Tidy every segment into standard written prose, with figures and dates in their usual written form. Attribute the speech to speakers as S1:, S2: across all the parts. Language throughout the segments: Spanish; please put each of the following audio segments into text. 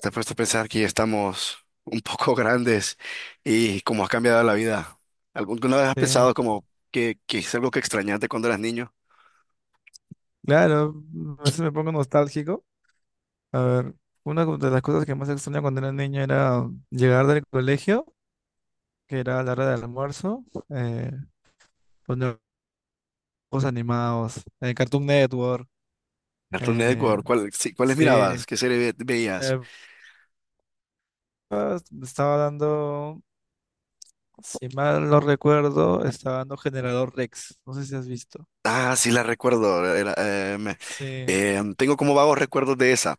S1: Te has puesto a pensar que ya estamos un poco grandes y cómo ha cambiado la vida. ¿Alguna vez has
S2: Sí,
S1: pensado como que es algo que extrañaste cuando eras niño?
S2: claro, a veces me pongo nostálgico. A ver, una de las cosas que más extraña cuando era niño era llegar del colegio, que era la hora del almuerzo, poner juegos animados, Cartoon Network,
S1: Cartoon
S2: eh,
S1: Network, ¿cuál, sí, cuáles
S2: sí.
S1: mirabas? ¿Qué serie veías?
S2: eh, ah, Estaba dando, si mal no recuerdo, estaba dando Generador Rex, no sé si has visto.
S1: Ah, sí la recuerdo.
S2: Sí,
S1: Tengo como vagos recuerdos de esa.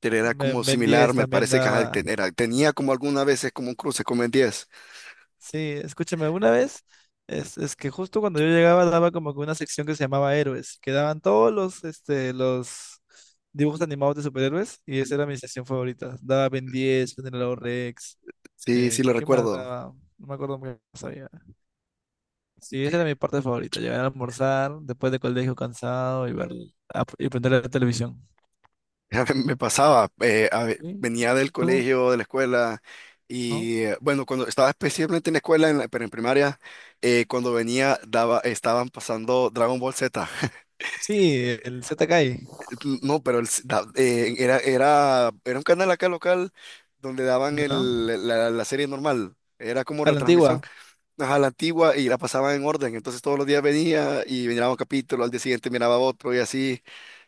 S1: Pero era
S2: Ben
S1: como
S2: Ben 10
S1: similar, me
S2: también
S1: parece que ajá,
S2: daba.
S1: tenía como algunas veces como un cruce con Ben 10.
S2: Sí, escúchame, una vez es que justo cuando yo llegaba daba como que una sección que se llamaba Héroes, que daban todos los dibujos animados de superhéroes y esa era mi sección favorita. Daba Ben 10, Generador Rex,
S1: Sí, sí lo
S2: ¿qué más
S1: recuerdo.
S2: daba? No me acuerdo muy bien qué más había. Sí, esa era mi parte favorita, llegar a almorzar después de colegio cansado y ver y prender la televisión.
S1: Ya, me pasaba,
S2: ¿Sí?
S1: venía del
S2: ¿Tú?
S1: colegio, de la escuela,
S2: ¿No?
S1: y bueno, cuando estaba especialmente en la escuela, pero en primaria, cuando venía, daba, estaban pasando Dragon Ball Z.
S2: Sí, el ZKI,
S1: No, pero era, era un canal acá local donde daban
S2: ¿no?
S1: la serie normal, era como
S2: A la
S1: retransmisión,
S2: antigua.
S1: ajá, la antigua, y la pasaban en orden, entonces todos los días venía y miraba un capítulo, al día siguiente miraba otro y así.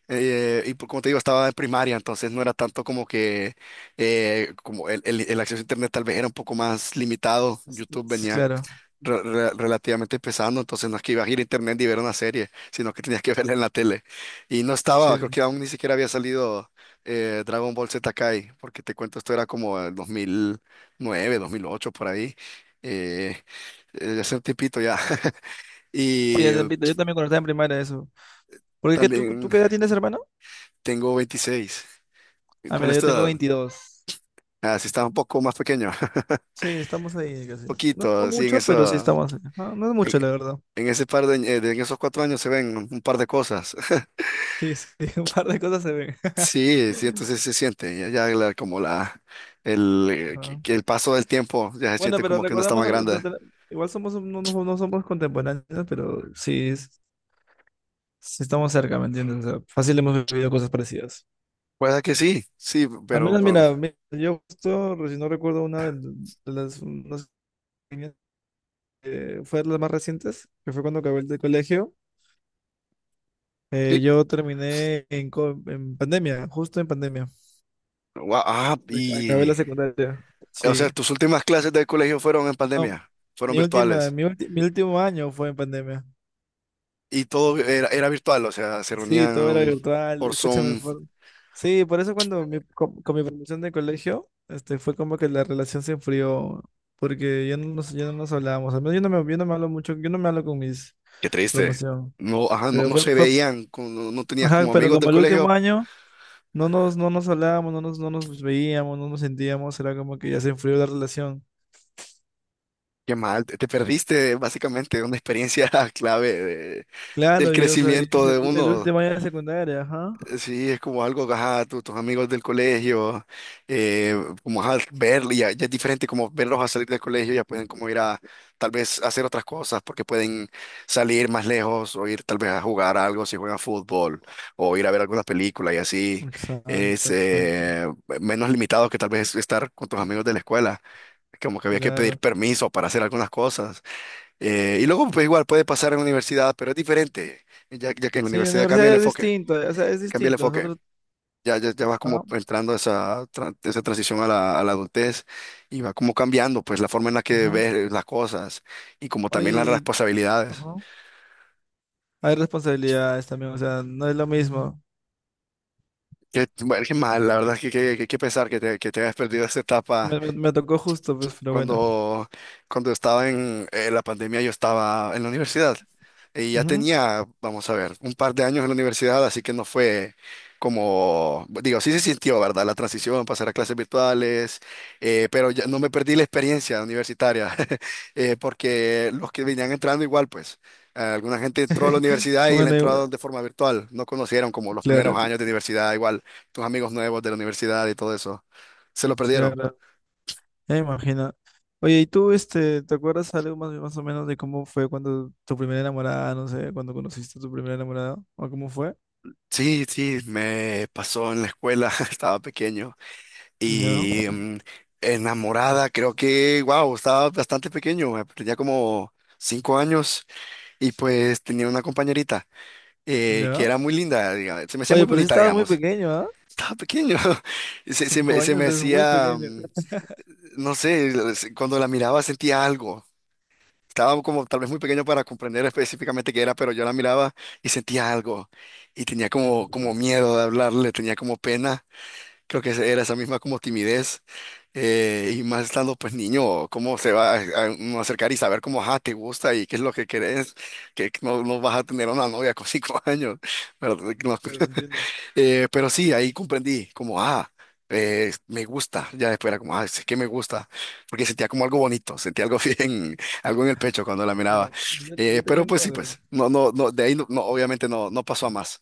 S1: Y como te digo, estaba en primaria, entonces no era tanto como que como el acceso a internet tal vez era un poco más limitado.
S2: Este,
S1: YouTube
S2: sí,
S1: venía
S2: claro,
S1: relativamente empezando, entonces no es que ibas a ir a internet y ver una serie, sino que tenías que verla en la tele. Y no estaba, creo
S2: sí.
S1: que aún ni siquiera había salido Dragon Ball Z Kai, porque te cuento, esto era como el 2009, 2008 por ahí. Eh, Hace un tiempito ya.
S2: Sí,
S1: Y
S2: ya te invito. Yo también cuando estaba en primaria eso. Porque qué, ¿tú
S1: también
S2: qué edad tienes, hermano?
S1: tengo 26.
S2: Ah,
S1: ¿Cuál
S2: mira,
S1: es
S2: yo
S1: tu
S2: tengo
S1: edad?
S2: 22.
S1: Ah, sí, estaba un poco más pequeño, un
S2: Sí, estamos ahí casi. No, no
S1: poquito, sí, en
S2: mucho, pero sí
S1: eso,
S2: estamos ahí. Ah, no, es
S1: en,
S2: mucho, la verdad.
S1: en ese par de, en esos 4 años se ven un par de cosas.
S2: Sí, sí, un par de cosas se ven.
S1: Sí, sí, entonces se siente, como
S2: Ajá.
S1: que el paso del tiempo, ya se
S2: Bueno,
S1: siente
S2: pero
S1: como que uno está
S2: recordamos,
S1: más
S2: algo,
S1: grande.
S2: igual somos, no, no somos contemporáneos, pero sí, sí estamos cerca, ¿me entiendes? O sea, fácil hemos vivido cosas parecidas.
S1: Puede que sí, sí,
S2: Al menos, mira, yo justo, si no recuerdo una de, las, unas que fue de las más recientes, que fue cuando acabé el de colegio.
S1: sí.
S2: Yo terminé en, en pandemia, justo en pandemia.
S1: Gua- ah,
S2: Acabé
S1: y,
S2: la secundaria.
S1: o sea,
S2: Sí.
S1: tus últimas clases del colegio fueron en
S2: No,
S1: pandemia, fueron
S2: mi última,
S1: virtuales,
S2: mi ulti- mi último año fue en pandemia.
S1: y todo era virtual, o sea, se
S2: Sí, todo era
S1: reunían
S2: virtual.
S1: por
S2: Escúchame,
S1: Zoom.
S2: por. Sí, por eso cuando con mi promoción de colegio, este, fue como que la relación se enfrió, porque ya no nos hablábamos. Al menos yo no me hablo mucho, yo no me hablo con mis
S1: Qué triste.
S2: promoción.
S1: No, ajá, no,
S2: Pero
S1: no
S2: fue,
S1: se
S2: fue,
S1: veían, no, no tenías
S2: ajá,
S1: como
S2: pero
S1: amigos del
S2: como el último
S1: colegio.
S2: año. No nos hablábamos, no nos veíamos, no nos sentíamos, era como que ya se enfrió la relación.
S1: Qué mal, te perdiste básicamente una experiencia clave del
S2: Claro, y o sea, y es
S1: crecimiento
S2: el,
S1: de
S2: el
S1: uno.
S2: último año de secundaria, ajá.
S1: Sí, es como algo, ajá, tus amigos del colegio, eh, como ajá, verlo, ya es diferente como verlos a salir del colegio, ya pueden como ir a tal vez hacer otras cosas, porque pueden salir más lejos o ir tal vez a jugar algo si juegan fútbol o ir a ver alguna película y así es
S2: Exacto, exacto.
S1: menos limitado que tal vez estar con tus amigos de la escuela. Como que había que pedir
S2: Claro.
S1: permiso para hacer algunas cosas. Y luego, pues igual puede pasar en la universidad, pero es diferente, ya que en la
S2: Sí, la
S1: universidad cambia el
S2: universidad es
S1: enfoque,
S2: distinto, o sea, es
S1: cambia el
S2: distinto. Es
S1: enfoque.
S2: otro,
S1: Ya vas como
S2: ajá,
S1: entrando a esa transición a la adultez y va como cambiando pues la forma en la que
S2: ajá.
S1: ves las cosas y como
S2: Oye,
S1: también las responsabilidades.
S2: ajá. Hay responsabilidades también, o sea, no es lo mismo.
S1: Bueno, qué mal, la verdad es que qué pesar que te hayas perdido esa etapa.
S2: Me tocó justo, pues, pero bueno.
S1: Cuando, cuando estaba en la pandemia, yo estaba en la universidad y ya
S2: Ujú.
S1: tenía, vamos a ver, un par de años en la universidad, así que no fue como, digo, sí se sintió, ¿verdad? La transición, pasar a clases virtuales, pero ya no me perdí la experiencia universitaria, porque los que venían entrando igual, pues, alguna gente entró a la universidad y la
S2: Bueno,
S1: entró de forma virtual, no conocieron como los primeros
S2: claro,
S1: años de universidad, igual, tus amigos nuevos de la universidad y todo eso, se lo perdieron.
S2: claro. Ya me imagino. Oye, ¿y tú, este, te acuerdas algo más, más o menos de cómo fue cuando tu primera enamorada, no sé, cuando conociste a tu primera enamorada? ¿O cómo fue?
S1: Sí, sí, me pasó en la escuela, estaba pequeño
S2: Ya,
S1: y enamorada, creo que, wow, estaba bastante pequeño, tenía como 5 años, y pues tenía una compañerita que
S2: ya.
S1: era muy linda, se me hacía muy
S2: Oye, pero sí
S1: bonita,
S2: estabas muy
S1: digamos,
S2: pequeño, ¿ah?
S1: estaba pequeño, y se, se
S2: Cinco
S1: me, se
S2: años
S1: me
S2: es muy
S1: hacía,
S2: pequeño.
S1: no sé, cuando la miraba sentía algo, estaba como tal vez muy pequeño para comprender específicamente qué era, pero yo la miraba y sentía algo y tenía como,
S2: Claro,
S1: como miedo de hablarle, tenía como pena. Creo que era esa misma como timidez, y más estando pues niño, cómo se va a uno acercar y saber cómo, ajá, te gusta y qué es lo que querés, que no, no vas a tener una novia con 5 años, pero, no,
S2: claro, te entiendo.
S1: pero sí, ahí comprendí como, ah, me gusta, ya después era como, ah, es que me gusta, porque sentía como algo bonito, sentía algo bien, algo en el pecho cuando la miraba.
S2: Mira, yo, yo te
S1: Pero
S2: cuento
S1: pues sí,
S2: algo.
S1: pues, no, no, no, de ahí no, no, obviamente no, no pasó a más.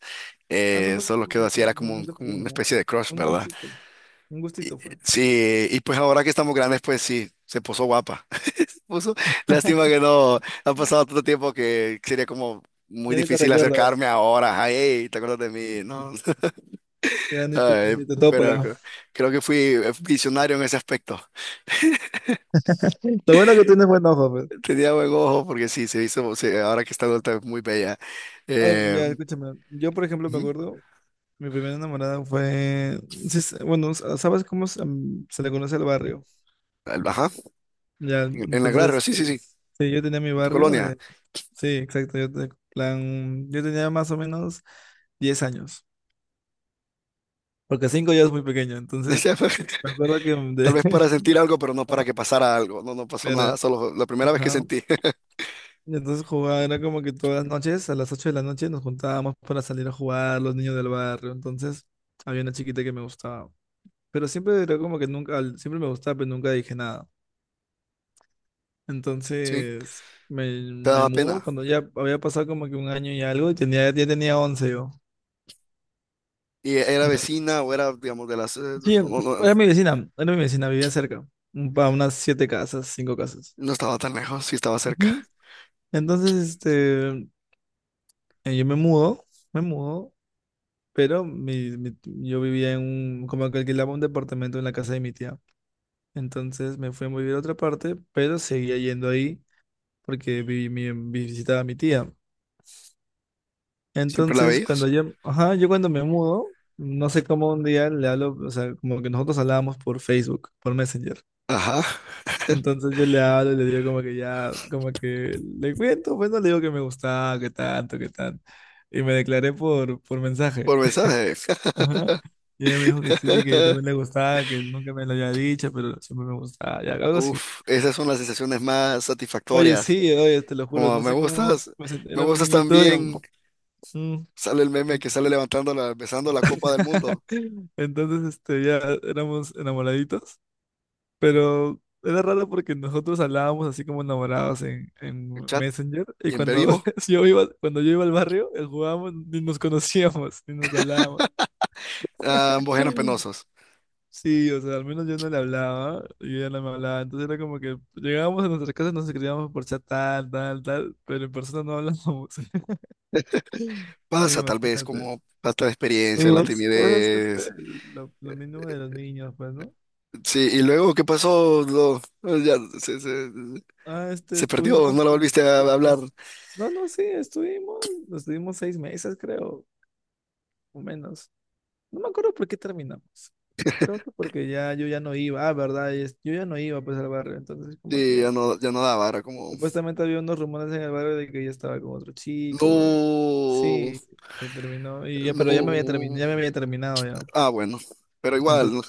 S2: Ah, no pasó,
S1: Solo quedó
S2: no,
S1: así, era
S2: no,
S1: como
S2: nunca
S1: como
S2: estuve
S1: una
S2: nada.
S1: especie de crush,
S2: Un
S1: ¿verdad?
S2: gustito, un
S1: Y-
S2: gustito fue.
S1: Sí, y pues ahora que estamos grandes, pues sí, se puso guapa. Puso, Lástima que no ha pasado tanto tiempo, que sería como muy
S2: Ya ni te
S1: difícil
S2: recuerdas,
S1: acercarme ahora. Ay, "Ey, ¿te acuerdas de mí?". No.
S2: ya ni te,
S1: Ay,
S2: ni te topa, ya.
S1: pero creo que fui visionario en ese aspecto.
S2: Lo bueno que tienes buen ojo, pues.
S1: Tenía buen ojo porque sí, se hizo, ahora que está adulta es muy bella.
S2: Ay,
S1: Eh,
S2: ya, escúchame. Yo, por ejemplo, me
S1: Ujú,
S2: acuerdo. Mi primera enamorada fue, sí, bueno, ¿sabes cómo se le conoce el barrio?
S1: ajá,
S2: Ya,
S1: en la Granja,
S2: entonces,
S1: sí, sí, sí,
S2: sí, yo tenía mi
S1: en tu
S2: barrio
S1: colonia.
S2: de, sí, exacto, yo, plan, yo tenía más o menos 10 años, porque 5 ya es muy pequeño, entonces,
S1: Decía,
S2: me acuerdo que,
S1: tal vez para sentir algo, pero no para
S2: ah,
S1: que pasara algo. No, no pasó nada,
S2: claro,
S1: solo la primera vez que
S2: ajá,
S1: sentí.
S2: y entonces jugaba, era como que todas las noches, a las 8 de la noche nos juntábamos para salir a jugar, los niños del barrio, entonces, había una chiquita que me gustaba, pero siempre era como que nunca, siempre me gustaba, pero nunca dije nada.
S1: Sí.
S2: Entonces me,
S1: Te
S2: me
S1: daba
S2: mudo
S1: pena.
S2: cuando ya había pasado como que un año y algo y ya tenía 11 yo.
S1: Y era
S2: Me-
S1: vecina o era, digamos, de las...
S2: Sí,
S1: No, no,
S2: era mi vecina, vivía cerca, a unas siete casas, cinco casas.
S1: no estaba tan lejos, sí estaba
S2: Ujú.
S1: cerca.
S2: Entonces, este, yo me mudo, pero yo vivía en como que alquilaba un departamento en la casa de mi tía. Entonces me fui a vivir a otra parte, pero seguía yendo ahí porque visitaba a mi tía.
S1: ¿Siempre la
S2: Entonces, cuando
S1: veías?
S2: yo, ajá, yo cuando me mudo, no sé cómo un día le hablo, o sea, como que nosotros hablábamos por Facebook, por Messenger.
S1: Ajá.
S2: Entonces yo le hablo y le digo como que ya, como que le cuento, pues no le digo que me gustaba, que tanto, que tanto. Y me declaré por mensaje.
S1: Por mensaje.
S2: Ajá. Y ella me dijo que sí, que yo también le gustaba, que nunca me lo había dicho, pero siempre me gustaba, ya, algo así.
S1: Uf, esas son las sensaciones más
S2: Oye,
S1: satisfactorias.
S2: sí, oye, te lo juro,
S1: Como
S2: no sé cómo
S1: me
S2: era un
S1: gustas
S2: niñito y.
S1: también.
S2: Mm.
S1: Sale el meme que sale levantando la, besando la copa del mundo.
S2: Entonces, este, ya éramos enamoraditos, pero era raro porque nosotros hablábamos así como enamorados en
S1: En chat
S2: Messenger
S1: y
S2: y
S1: en
S2: cuando
S1: vivo.
S2: yo iba al barrio, jugábamos, ni nos conocíamos, ni nos hablábamos.
S1: Ah, ambos eran penosos.
S2: Sí, o sea, al menos yo no le hablaba, y ella no me hablaba, entonces era como que llegábamos a nuestras casas, nos escribíamos por chat tal, tal, tal, pero en persona no hablábamos.
S1: Pasa tal vez
S2: Imagínate.
S1: como falta de experiencia,
S2: Y
S1: la
S2: es, este,
S1: timidez.
S2: lo mínimo de los niños, pues, ¿no?
S1: Sí, y luego, ¿qué pasó? Ya.
S2: Ah, este,
S1: Se perdió,
S2: estuvimos
S1: no la
S2: como,
S1: volviste a hablar.
S2: no, no, sí, estuvimos 6 meses, creo, o menos. No me acuerdo por qué terminamos. Creo que porque ya yo ya no iba, ah, verdad, y yo ya no iba pues al barrio, entonces como
S1: Sí,
S2: que
S1: ya no daba, era como,
S2: supuestamente había unos rumores en el barrio de que yo estaba con otro chico.
S1: no,
S2: Sí, que terminó, y ya, pero ya me había terminado,
S1: no.
S2: ya me había terminado ya.
S1: Ah, bueno, pero igual, no.
S2: Entonces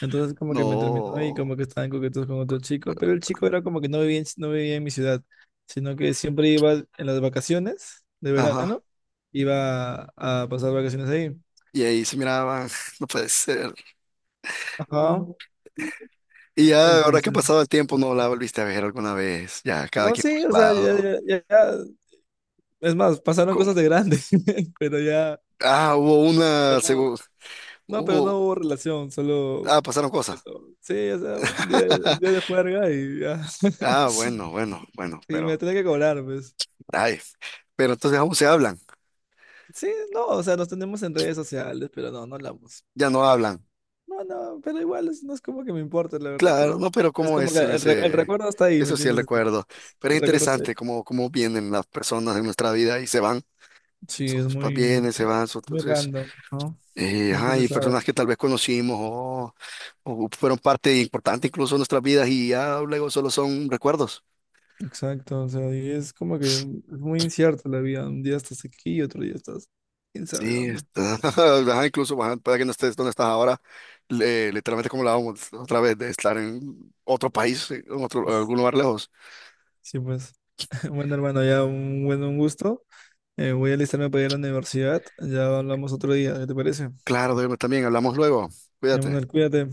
S2: Entonces como que me terminó y
S1: No.
S2: como que estaban coquetos con otro chico, pero el chico era como que no vivía en mi ciudad, sino que siempre iba en las vacaciones de
S1: Ajá.
S2: verano, iba a pasar vacaciones ahí.
S1: Y ahí se miraban, no puede ser.
S2: Ajá.
S1: Y ya, ahora que ha
S2: Entonces,
S1: pasado el tiempo, no la volviste a ver alguna vez. Ya, cada
S2: no,
S1: quien por
S2: sí, o
S1: su
S2: sea, ya,
S1: lado.
S2: ya, es más, pasaron
S1: Con-
S2: cosas de grandes, pero ya,
S1: Ah, hubo
S2: pero
S1: una,
S2: no,
S1: seguro.
S2: no, pero no
S1: Hubo...
S2: hubo relación, solo,
S1: Ah, pasaron cosas.
S2: coqueto. Sí, o sea, un día de juerga y ya,
S1: Ah,
S2: sí,
S1: bueno, bueno, bueno,
S2: me
S1: pero.
S2: tenía que cobrar, pues.
S1: Ay, pero entonces aún se hablan,
S2: Sí, no, o sea, nos tenemos en redes sociales, pero no, no hablamos.
S1: ya no hablan.
S2: No, no, pero igual no es como que me importa, la verdad,
S1: Claro,
S2: pero
S1: no, pero
S2: es
S1: como es,
S2: como que
S1: se me
S2: el
S1: hace,
S2: recuerdo está ahí, ¿me
S1: eso sí el
S2: entiendes?
S1: recuerdo. Pero es
S2: El recuerdo está ahí.
S1: interesante cómo vienen las personas de nuestra vida y se van.
S2: Sí, es muy, muy,
S1: Vienen, se van,
S2: muy
S1: entonces,
S2: random, ¿no? Nunca
S1: ajá,
S2: se
S1: y
S2: sabe.
S1: personas que tal vez conocimos o fueron parte importante incluso de nuestras vidas y ya luego solo son recuerdos.
S2: Exacto, o sea, y es como que es muy incierto la vida. Un día estás aquí y otro día estás quién sabe
S1: Sí,
S2: dónde.
S1: está, ajá, incluso ajá, puede que no estés donde estás ahora, literalmente como hablábamos otra vez de estar en otro país, algún lugar lejos.
S2: Sí, pues, bueno, hermano, ya un gusto. Voy a alistarme para ir a la universidad. Ya hablamos otro día, ¿qué te parece?
S1: Claro, Diego, también hablamos luego.
S2: Ya,
S1: Cuídate.
S2: Manuel, cuídate.